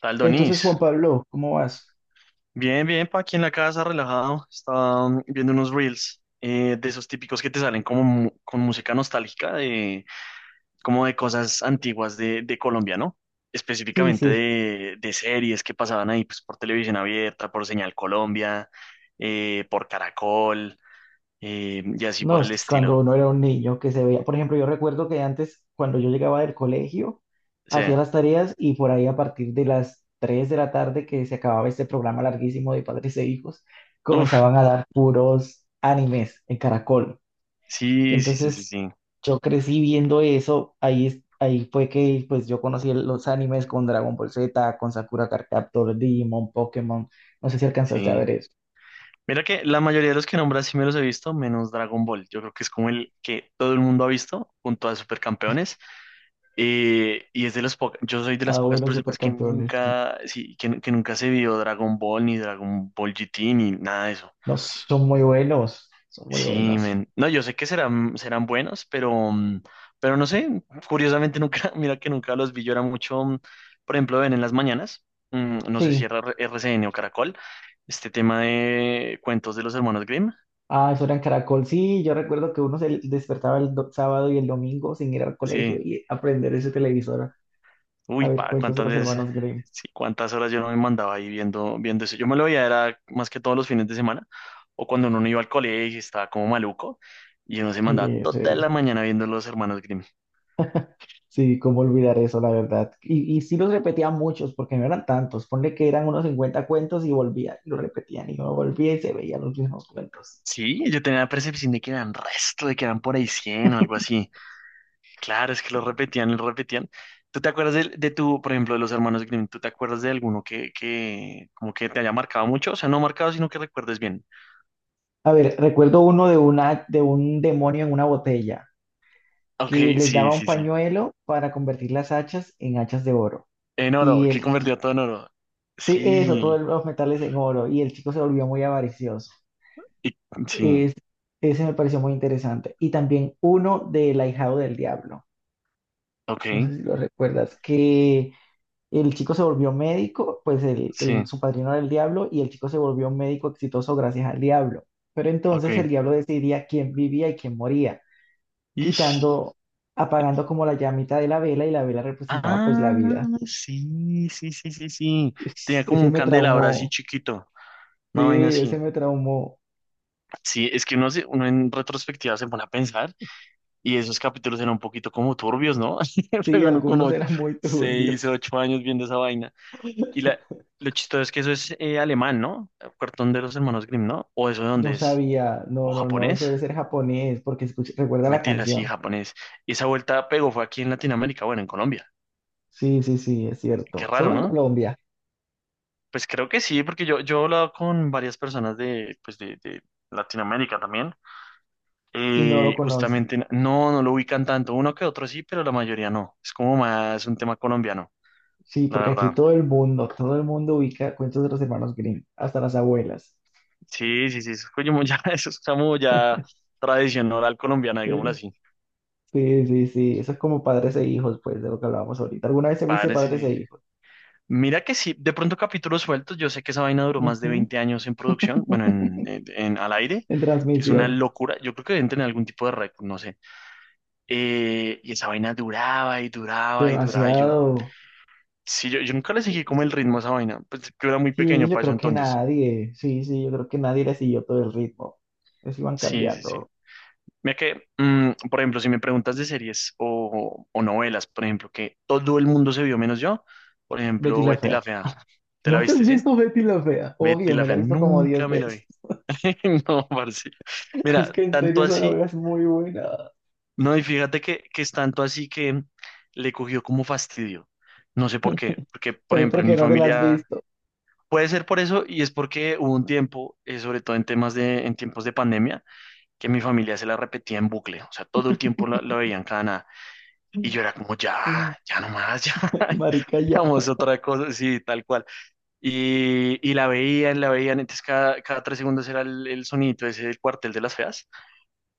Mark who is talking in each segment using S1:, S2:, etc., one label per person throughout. S1: Tal
S2: Entonces,
S1: Donis.
S2: Juan Pablo, ¿cómo vas?
S1: Bien, bien, pa' aquí en la casa, relajado. Estaba viendo unos reels de esos típicos que te salen como con música nostálgica, como de cosas antiguas de Colombia, ¿no?
S2: Sí,
S1: Específicamente
S2: sí.
S1: de series que pasaban ahí, pues por televisión abierta, por Señal Colombia, por Caracol, y así
S2: No,
S1: por
S2: es
S1: el
S2: cuando
S1: estilo.
S2: uno era un niño que se veía. Por ejemplo, yo recuerdo que antes, cuando yo llegaba del colegio,
S1: O
S2: hacía
S1: sea,
S2: las tareas y por ahí a partir de las 3 de la tarde que se acababa este programa larguísimo de padres e hijos,
S1: uff,
S2: comenzaban a dar puros animes en Caracol.
S1: sí, sí, sí, sí,
S2: Entonces
S1: sí,
S2: yo crecí viendo eso. Ahí, ahí fue que pues yo conocí los animes con Dragon Ball Z, con Sakura Card Captor, Digimon, Pokémon. No sé si alcanzaste a
S1: sí.
S2: ver eso.
S1: Mira que la mayoría de los que nombras sí me los he visto, menos Dragon Ball. Yo creo que es como el que todo el mundo ha visto, junto a Supercampeones. Y es yo soy de las
S2: Ah,
S1: pocas
S2: bueno,
S1: personas que
S2: Supercampeones.
S1: nunca, sí, que nunca se vio Dragon Ball, ni Dragon Ball GT, ni nada de eso.
S2: No, son muy buenos, son muy
S1: Sí,
S2: buenos.
S1: men. No, yo sé que serán, serán buenos, pero no sé, curiosamente nunca, mira que nunca los vi. Yo era mucho, por ejemplo, ven en las mañanas, no sé si
S2: Sí,
S1: era RCN o Caracol, este tema de cuentos de los hermanos Grimm.
S2: ah, eso era en Caracol. Sí, yo recuerdo que uno se despertaba el sábado y el domingo sin ir al colegio
S1: Sí,
S2: y aprender ese televisor a
S1: uy,
S2: ver
S1: pa,
S2: cuentos de
S1: cuántas
S2: los
S1: veces,
S2: hermanos Grimm.
S1: sí, cuántas horas yo no me mandaba ahí viendo eso. Yo me lo veía, era más que todos los fines de semana, o cuando uno no iba al colegio y estaba como maluco, y uno se mandaba
S2: Sí, sí,
S1: toda la mañana viendo los hermanos Grimm.
S2: sí, cómo olvidar eso, la verdad. Y sí los repetía muchos, porque no eran tantos. Ponle que eran unos 50 cuentos y volvía, y lo repetían, y uno volvía y se veían los mismos cuentos.
S1: Sí, yo tenía la percepción de que eran resto, de que eran por ahí 100 o algo así. Claro, es que lo repetían, lo repetían. ¿Tú te acuerdas de tu, por ejemplo, de los hermanos Grimm? ¿Tú te acuerdas de alguno que como que te haya marcado mucho? O sea, no marcado, sino que recuerdes bien.
S2: A ver, recuerdo uno de un demonio en una botella,
S1: Ok,
S2: que les
S1: sí,
S2: daba un
S1: sí, sí.
S2: pañuelo para convertir las hachas en hachas de oro.
S1: En oro,
S2: Y
S1: que
S2: el, chi-
S1: convertía todo en oro.
S2: sí, eso,
S1: Sí.
S2: todos los metales en oro. Y el chico se volvió muy avaricioso.
S1: Y- sí,
S2: Es, Ese me pareció muy interesante. Y también uno del ahijado del diablo.
S1: ok,
S2: No sé si lo recuerdas, que el chico se volvió médico, pues
S1: sí,
S2: su padrino era el diablo y el chico se volvió un médico exitoso gracias al diablo. Pero
S1: ok.
S2: entonces el diablo decidía quién vivía y quién moría,
S1: Ish.
S2: quitando, apagando como la llamita de la vela y la vela representaba pues la
S1: Ah,
S2: vida.
S1: sí, sí, sí, sí, sí. Tenía como
S2: Ese
S1: un
S2: me
S1: candelabro así
S2: traumó,
S1: chiquito,
S2: sí,
S1: una vaina así.
S2: ese me traumó.
S1: Sí, es que uno, uno en retrospectiva se pone a pensar y esos capítulos eran un poquito como turbios, ¿no?
S2: Sí,
S1: Pero uno con
S2: algunos
S1: ocho,
S2: eran muy
S1: seis,
S2: turbios.
S1: ocho años viendo esa vaina. Y la, lo chistoso es que eso es alemán, ¿no? Cartón de los hermanos Grimm, ¿no? ¿O eso de
S2: No
S1: dónde es?
S2: sabía,
S1: ¿O
S2: no, no, no, eso
S1: japonés?
S2: debe ser japonés, porque recuerda la
S1: Mentira, sí,
S2: canción.
S1: japonés. Y esa vuelta pegó fue aquí en Latinoamérica, bueno, en Colombia.
S2: Sí, sí, sí, es
S1: Qué
S2: cierto. Solo
S1: raro,
S2: en
S1: ¿no?
S2: Colombia
S1: Pues creo que sí, porque yo he hablado con varias personas de, pues de Latinoamérica también.
S2: y no lo conocen.
S1: Justamente no, no lo ubican tanto, uno que otro sí, pero la mayoría no. Es como más un tema colombiano,
S2: Sí,
S1: la
S2: porque aquí
S1: verdad.
S2: todo el mundo ubica cuentos de los hermanos Grimm, hasta las abuelas.
S1: Sí, sí, sí, eso es como ya, eso es como ya tradición oral colombiana, digámoslo
S2: Eh,
S1: así.
S2: Sí, sí, sí, eso es como padres e hijos, pues, de lo que hablábamos ahorita. ¿Alguna vez se viste
S1: Padres,
S2: padres e
S1: eh.
S2: hijos?
S1: Mira que sí, de pronto capítulos sueltos, yo sé que esa vaina duró más de
S2: Ujú.
S1: 20 años en producción, bueno, al aire,
S2: En
S1: que es una
S2: transmisión,
S1: locura. Yo creo que deben tener algún tipo de récord, no sé. Y esa vaina duraba y duraba y duraba. Y yo,
S2: demasiado.
S1: sí, yo nunca le seguí como el ritmo a esa vaina. Pues yo era muy
S2: Sí,
S1: pequeño
S2: yo
S1: para eso
S2: creo que
S1: entonces.
S2: nadie, sí, sí, yo creo que nadie le siguió todo el ritmo. Les iban
S1: Sí, sí, sí.
S2: cambiando.
S1: Mira que, por ejemplo, si me preguntas de series o novelas, por ejemplo, que todo el mundo se vio menos yo, por
S2: Betty
S1: ejemplo,
S2: la
S1: Betty
S2: Fea.
S1: la Fea. ¿Te la
S2: ¿No te has
S1: viste, sí?
S2: visto Betty la Fea?
S1: Betty
S2: Obvio,
S1: la
S2: me la
S1: Fea,
S2: he visto como 10
S1: nunca me la
S2: veces.
S1: vi. No, parce.
S2: Es
S1: Mira,
S2: que en
S1: tanto
S2: serio esa
S1: así,
S2: novela es muy buena,
S1: no, y fíjate que es tanto así que le cogió como fastidio. No sé por qué, porque, por
S2: pero es
S1: ejemplo, en
S2: porque
S1: mi
S2: no te la has
S1: familia.
S2: visto.
S1: Puede ser por eso y es porque hubo un tiempo, sobre todo en temas en tiempos de pandemia, que mi familia se la repetía en bucle, o sea, todo el tiempo la veían cada nada y yo era como, ya,
S2: Mm.
S1: ya nomás, ya,
S2: Marica, ya.
S1: vamos otra cosa, sí, tal cual. Y la veían, entonces cada 3 segundos era el sonidito ese del cuartel de las feas,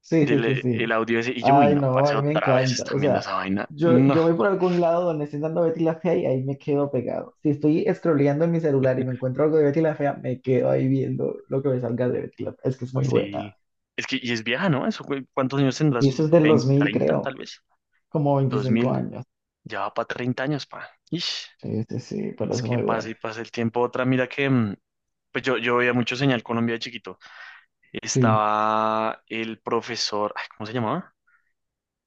S2: Sí, sí, sí,
S1: del,
S2: sí.
S1: el audio ese, y yo, uy,
S2: Ay,
S1: no,
S2: no, a
S1: parece
S2: mí me
S1: otra vez
S2: encanta. O
S1: están viendo
S2: sea,
S1: esa vaina,
S2: yo,
S1: no,
S2: yo voy por algún lado donde estén dando Betty la Fea y ahí me quedo pegado. Si estoy scrolleando en mi celular y me encuentro algo de Betty la Fea, me quedo ahí viendo lo que me salga de Betty la Fea. Es que es muy buena.
S1: sí, es que, y es vieja, ¿no? Eso, ¿cuántos años tendrá?
S2: Sí,
S1: ¿Sus
S2: eso es del dos
S1: 20,
S2: mil
S1: 30,
S2: creo,
S1: tal vez?
S2: como
S1: Dos
S2: 25
S1: mil.
S2: años.
S1: Ya va para 30 años, pa. Ish,
S2: Sí, sí, sí, pero es
S1: es que
S2: muy
S1: pasa
S2: buena.
S1: y pasa el tiempo. Otra, mira que, pues yo veía mucho Señal Colombia de chiquito.
S2: Sí,
S1: Estaba el profesor, ay, ¿cómo se llamaba?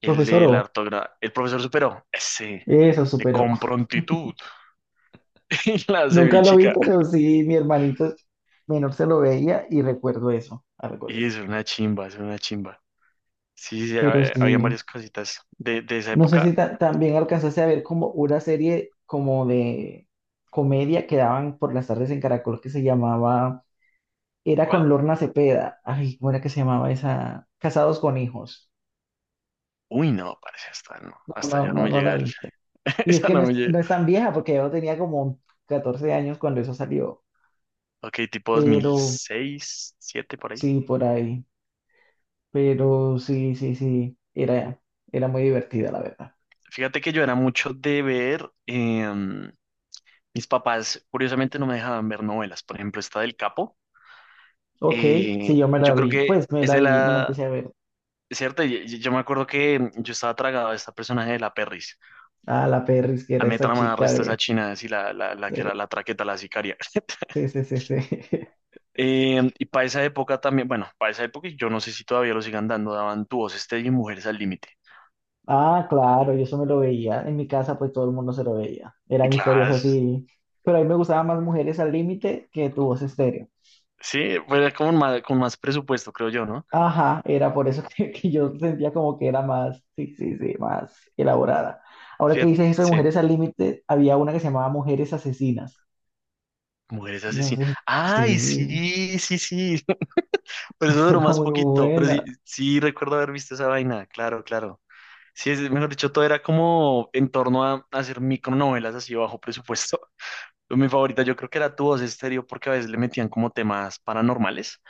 S1: El
S2: profesor
S1: de la
S2: O,
S1: ortografía. El profesor superó, ese,
S2: eso
S1: de
S2: superó.
S1: con prontitud. Y la
S2: Nunca lo vi,
S1: cevichica.
S2: pero sí, mi hermanito menor se lo veía y recuerdo eso, algo de
S1: Y es
S2: eso.
S1: una chimba, es una chimba. Sí, sí,
S2: Pero
S1: habían
S2: sí,
S1: varias cositas de esa
S2: no sé si
S1: época.
S2: también alcanzaste a ver como una serie como de comedia que daban por las tardes en Caracol que se llamaba, era
S1: ¿Cuál?
S2: con Lorna Cepeda. Ay, ¿cómo era que se llamaba esa? Casados con hijos.
S1: Uy, no, parece hasta no,
S2: No, no,
S1: hasta ya no
S2: no,
S1: me
S2: no la
S1: llega el,
S2: viste. Y es
S1: esa
S2: que
S1: no
S2: no es,
S1: me llega.
S2: no es tan vieja, porque yo tenía como 14 años cuando eso salió.
S1: Ok, tipo dos mil
S2: Pero
S1: seis 7 por ahí.
S2: sí, por ahí. Pero sí, sí, sí. Era, era muy divertida, la verdad.
S1: Fíjate que yo era mucho de ver, mis papás curiosamente no me dejaban ver novelas, por ejemplo, esta del Capo,
S2: Ok, sí, yo me la
S1: yo creo
S2: vi.
S1: que
S2: Pues me
S1: es
S2: la
S1: de
S2: vi, me la
S1: la,
S2: empecé a ver.
S1: ¿cierto? Yo, me acuerdo que yo estaba tragado a esta personaje de la Perris,
S2: Ah, la Perris, que
S1: a
S2: era
S1: mí me
S2: esa
S1: trama el
S2: chica
S1: resto de esa china, así la que era
S2: de-
S1: la traqueta, la sicaria.
S2: sí, sí, sí, sí.
S1: Y para esa época también, bueno, para esa época y yo no sé si todavía lo sigan dando, daban Tu voz estéreo y Mujeres al límite.
S2: Ah, claro, yo eso me lo veía. En mi casa, pues todo el mundo se lo veía.
S1: Y
S2: Eran historias
S1: claro,
S2: así. Pero a mí me gustaban más mujeres al límite que tu voz estéreo.
S1: sí, pues era como más, con más presupuesto, creo yo, ¿no?
S2: Ajá, era por eso que yo sentía como que era más, sí, sí, sí, más elaborada. Ahora que
S1: Fíjate,
S2: dices eso de
S1: sí.
S2: Mujeres al Límite, había una que se llamaba Mujeres Asesinas.
S1: Mujeres
S2: No sé
S1: asesinas.
S2: si,
S1: Ay,
S2: sí,
S1: sí, sí, sí. Pero eso
S2: esa
S1: duró
S2: era
S1: más
S2: muy
S1: poquito. Pero sí,
S2: buena.
S1: sí recuerdo haber visto esa vaina. Claro, claro. Sí, es, mejor dicho, todo era como en torno a hacer micronovelas así bajo presupuesto. Pero mi favorita yo creo que era Tu Voz Estéreo porque a veces le metían como temas paranormales.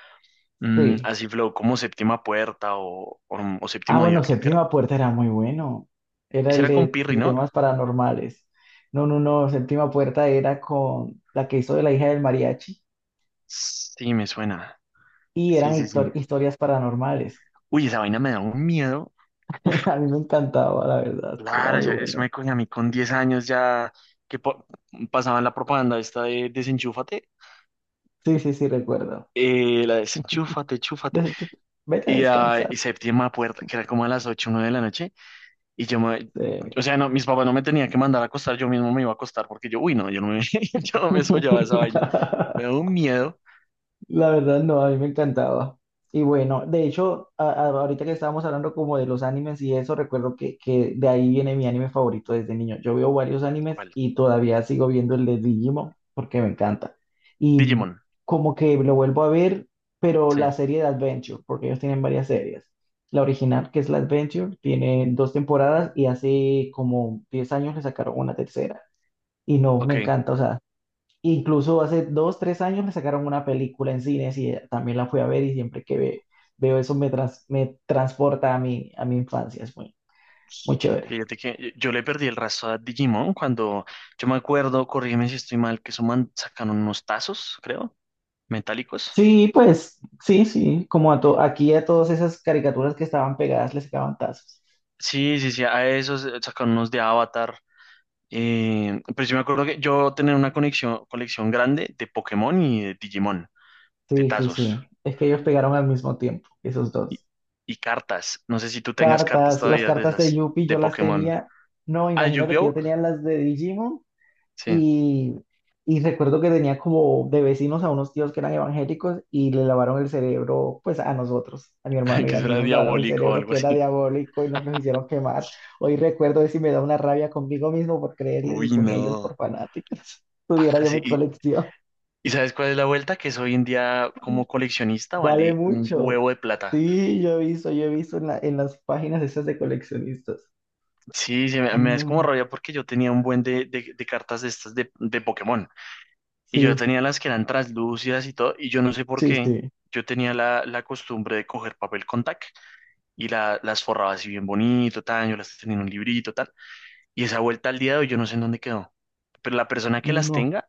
S2: Sí.
S1: Así flow como Séptima Puerta o
S2: Ah,
S1: Séptimo Día,
S2: bueno,
S1: creo que era.
S2: Séptima Puerta era muy bueno. Era
S1: Ese
S2: el
S1: era con
S2: de
S1: Pirri,
S2: sí,
S1: ¿no?
S2: temas paranormales. No, no, no, Séptima Puerta era con la que hizo de la hija del mariachi
S1: Sí, me suena.
S2: y
S1: Sí,
S2: eran
S1: sí, sí.
S2: historias paranormales.
S1: Uy, esa vaina me da un miedo.
S2: A mí me encantaba, la verdad, era
S1: Claro,
S2: muy
S1: yo, eso
S2: bueno.
S1: me coño, a mí con 10 años ya que pasaban la propaganda esta de desenchúfate,
S2: Sí, sí, sí, recuerdo.
S1: la desenchúfate, chúfate,
S2: des- Vete a
S1: y, ah,
S2: descansar.
S1: y séptima puerta, que era como a las 8, 9 de la noche, y yo me, o
S2: Eh,
S1: sea, no, mis papás no me tenían que mandar a acostar, yo mismo me iba a acostar, porque yo, uy, no, yo no me, yo no me soñaba esa vaina, me da un miedo.
S2: La verdad, no, a mí me encantaba. Y bueno, de hecho, ahorita que estábamos hablando como de los animes y eso, recuerdo que de ahí viene mi anime favorito desde niño. Yo veo varios animes
S1: ¿Cuál?
S2: y todavía sigo viendo el de Digimon porque me encanta. Y
S1: Digimon,
S2: como que lo vuelvo a ver, pero
S1: sí,
S2: la serie de Adventure, porque ellos tienen varias series. La original, que es la Adventure, tiene dos temporadas y hace como 10 años le sacaron una tercera. Y no, me
S1: ok.
S2: encanta, o sea, incluso hace dos, tres años le sacaron una película en cines y también la fui a ver y siempre que veo eso me transporta a mi infancia, es muy, muy chévere.
S1: Fíjate que yo le perdí el rastro a Digimon cuando, yo me acuerdo, corrígeme si estoy mal, que sacaron unos tazos, creo metálicos.
S2: Sí, pues, sí, sí, como a aquí a todas esas caricaturas que estaban pegadas les sacaban tazos.
S1: Sí, sí, sí, a esos sacaron unos de Avatar. Pero yo me acuerdo que yo tenía una colección grande de Pokémon y de Digimon, de
S2: Sí, sí,
S1: tazos
S2: sí, es que ellos pegaron al mismo tiempo, esos
S1: y,
S2: dos.
S1: y cartas. No sé si tú tengas cartas
S2: Cartas, las
S1: todavía de
S2: cartas de
S1: esas,
S2: Yuppie
S1: de
S2: yo las
S1: Pokémon.
S2: tenía, no,
S1: Ah,
S2: imagínate que yo
S1: Yu-Gi-Oh!
S2: tenía las de Digimon.
S1: Sí,
S2: Y, y recuerdo que tenía como de vecinos a unos tíos que eran evangélicos y le lavaron el cerebro, pues a nosotros, a mi hermano y
S1: que
S2: a mí
S1: será
S2: nos lavaron el
S1: diabólico o
S2: cerebro
S1: algo
S2: que era
S1: así.
S2: diabólico y nos lo hicieron quemar. Hoy recuerdo eso y me da una rabia conmigo mismo por creerles y
S1: Uy,
S2: con ellos por
S1: no.
S2: fanáticos. Tuviera yo
S1: Parce,
S2: mi
S1: ¿y,
S2: colección.
S1: y sabes cuál es la vuelta? Que es hoy en día como coleccionista
S2: Vale
S1: vale un
S2: mucho.
S1: huevo de plata.
S2: Sí, yo he visto en las páginas esas de coleccionistas.
S1: Sí, sí, me es como
S2: No,
S1: rabia porque yo tenía un buen de cartas de estas de Pokémon. Y yo
S2: sí,
S1: tenía las que eran translúcidas y todo, y yo no sé por
S2: sí,
S1: qué.
S2: sí.
S1: Yo tenía la costumbre de coger papel con tac y las forraba así bien bonito, tan, yo las tenía en un librito, tal. Y esa vuelta al día de hoy yo no sé en dónde quedó. Pero la persona que las
S2: No,
S1: tenga,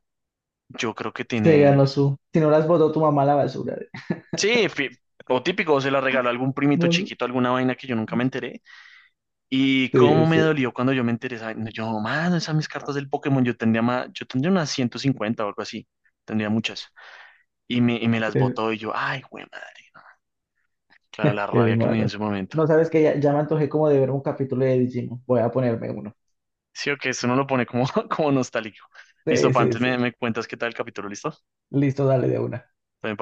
S1: yo creo que
S2: se
S1: tiene...
S2: ganó su. Si no las botó tu mamá a la basura.
S1: Sí, o típico, o se la regaló a algún primito chiquito, alguna vaina que yo nunca me enteré. Y
S2: Sí,
S1: cómo me
S2: sí.
S1: dolió cuando yo me enteré, esa vaina. Yo, mano, esas mis cartas del Pokémon, yo tendría más, yo tendría unas 150 o algo así. Tendría muchas. Y me las
S2: Eh,
S1: botó y yo, ay, güey, Claro, la
S2: Qué
S1: rabia que me dio en
S2: malas.
S1: su momento.
S2: No sabes que ya, ya me antojé como de ver un capítulo de Digimon. Voy a ponerme uno.
S1: Sí, o que eso no lo pone como, como nostálgico. Listo,
S2: Sí,
S1: pa,
S2: sí,
S1: antes me,
S2: sí.
S1: me cuentas qué tal el capítulo, ¿listo?
S2: Listo, dale de una.
S1: También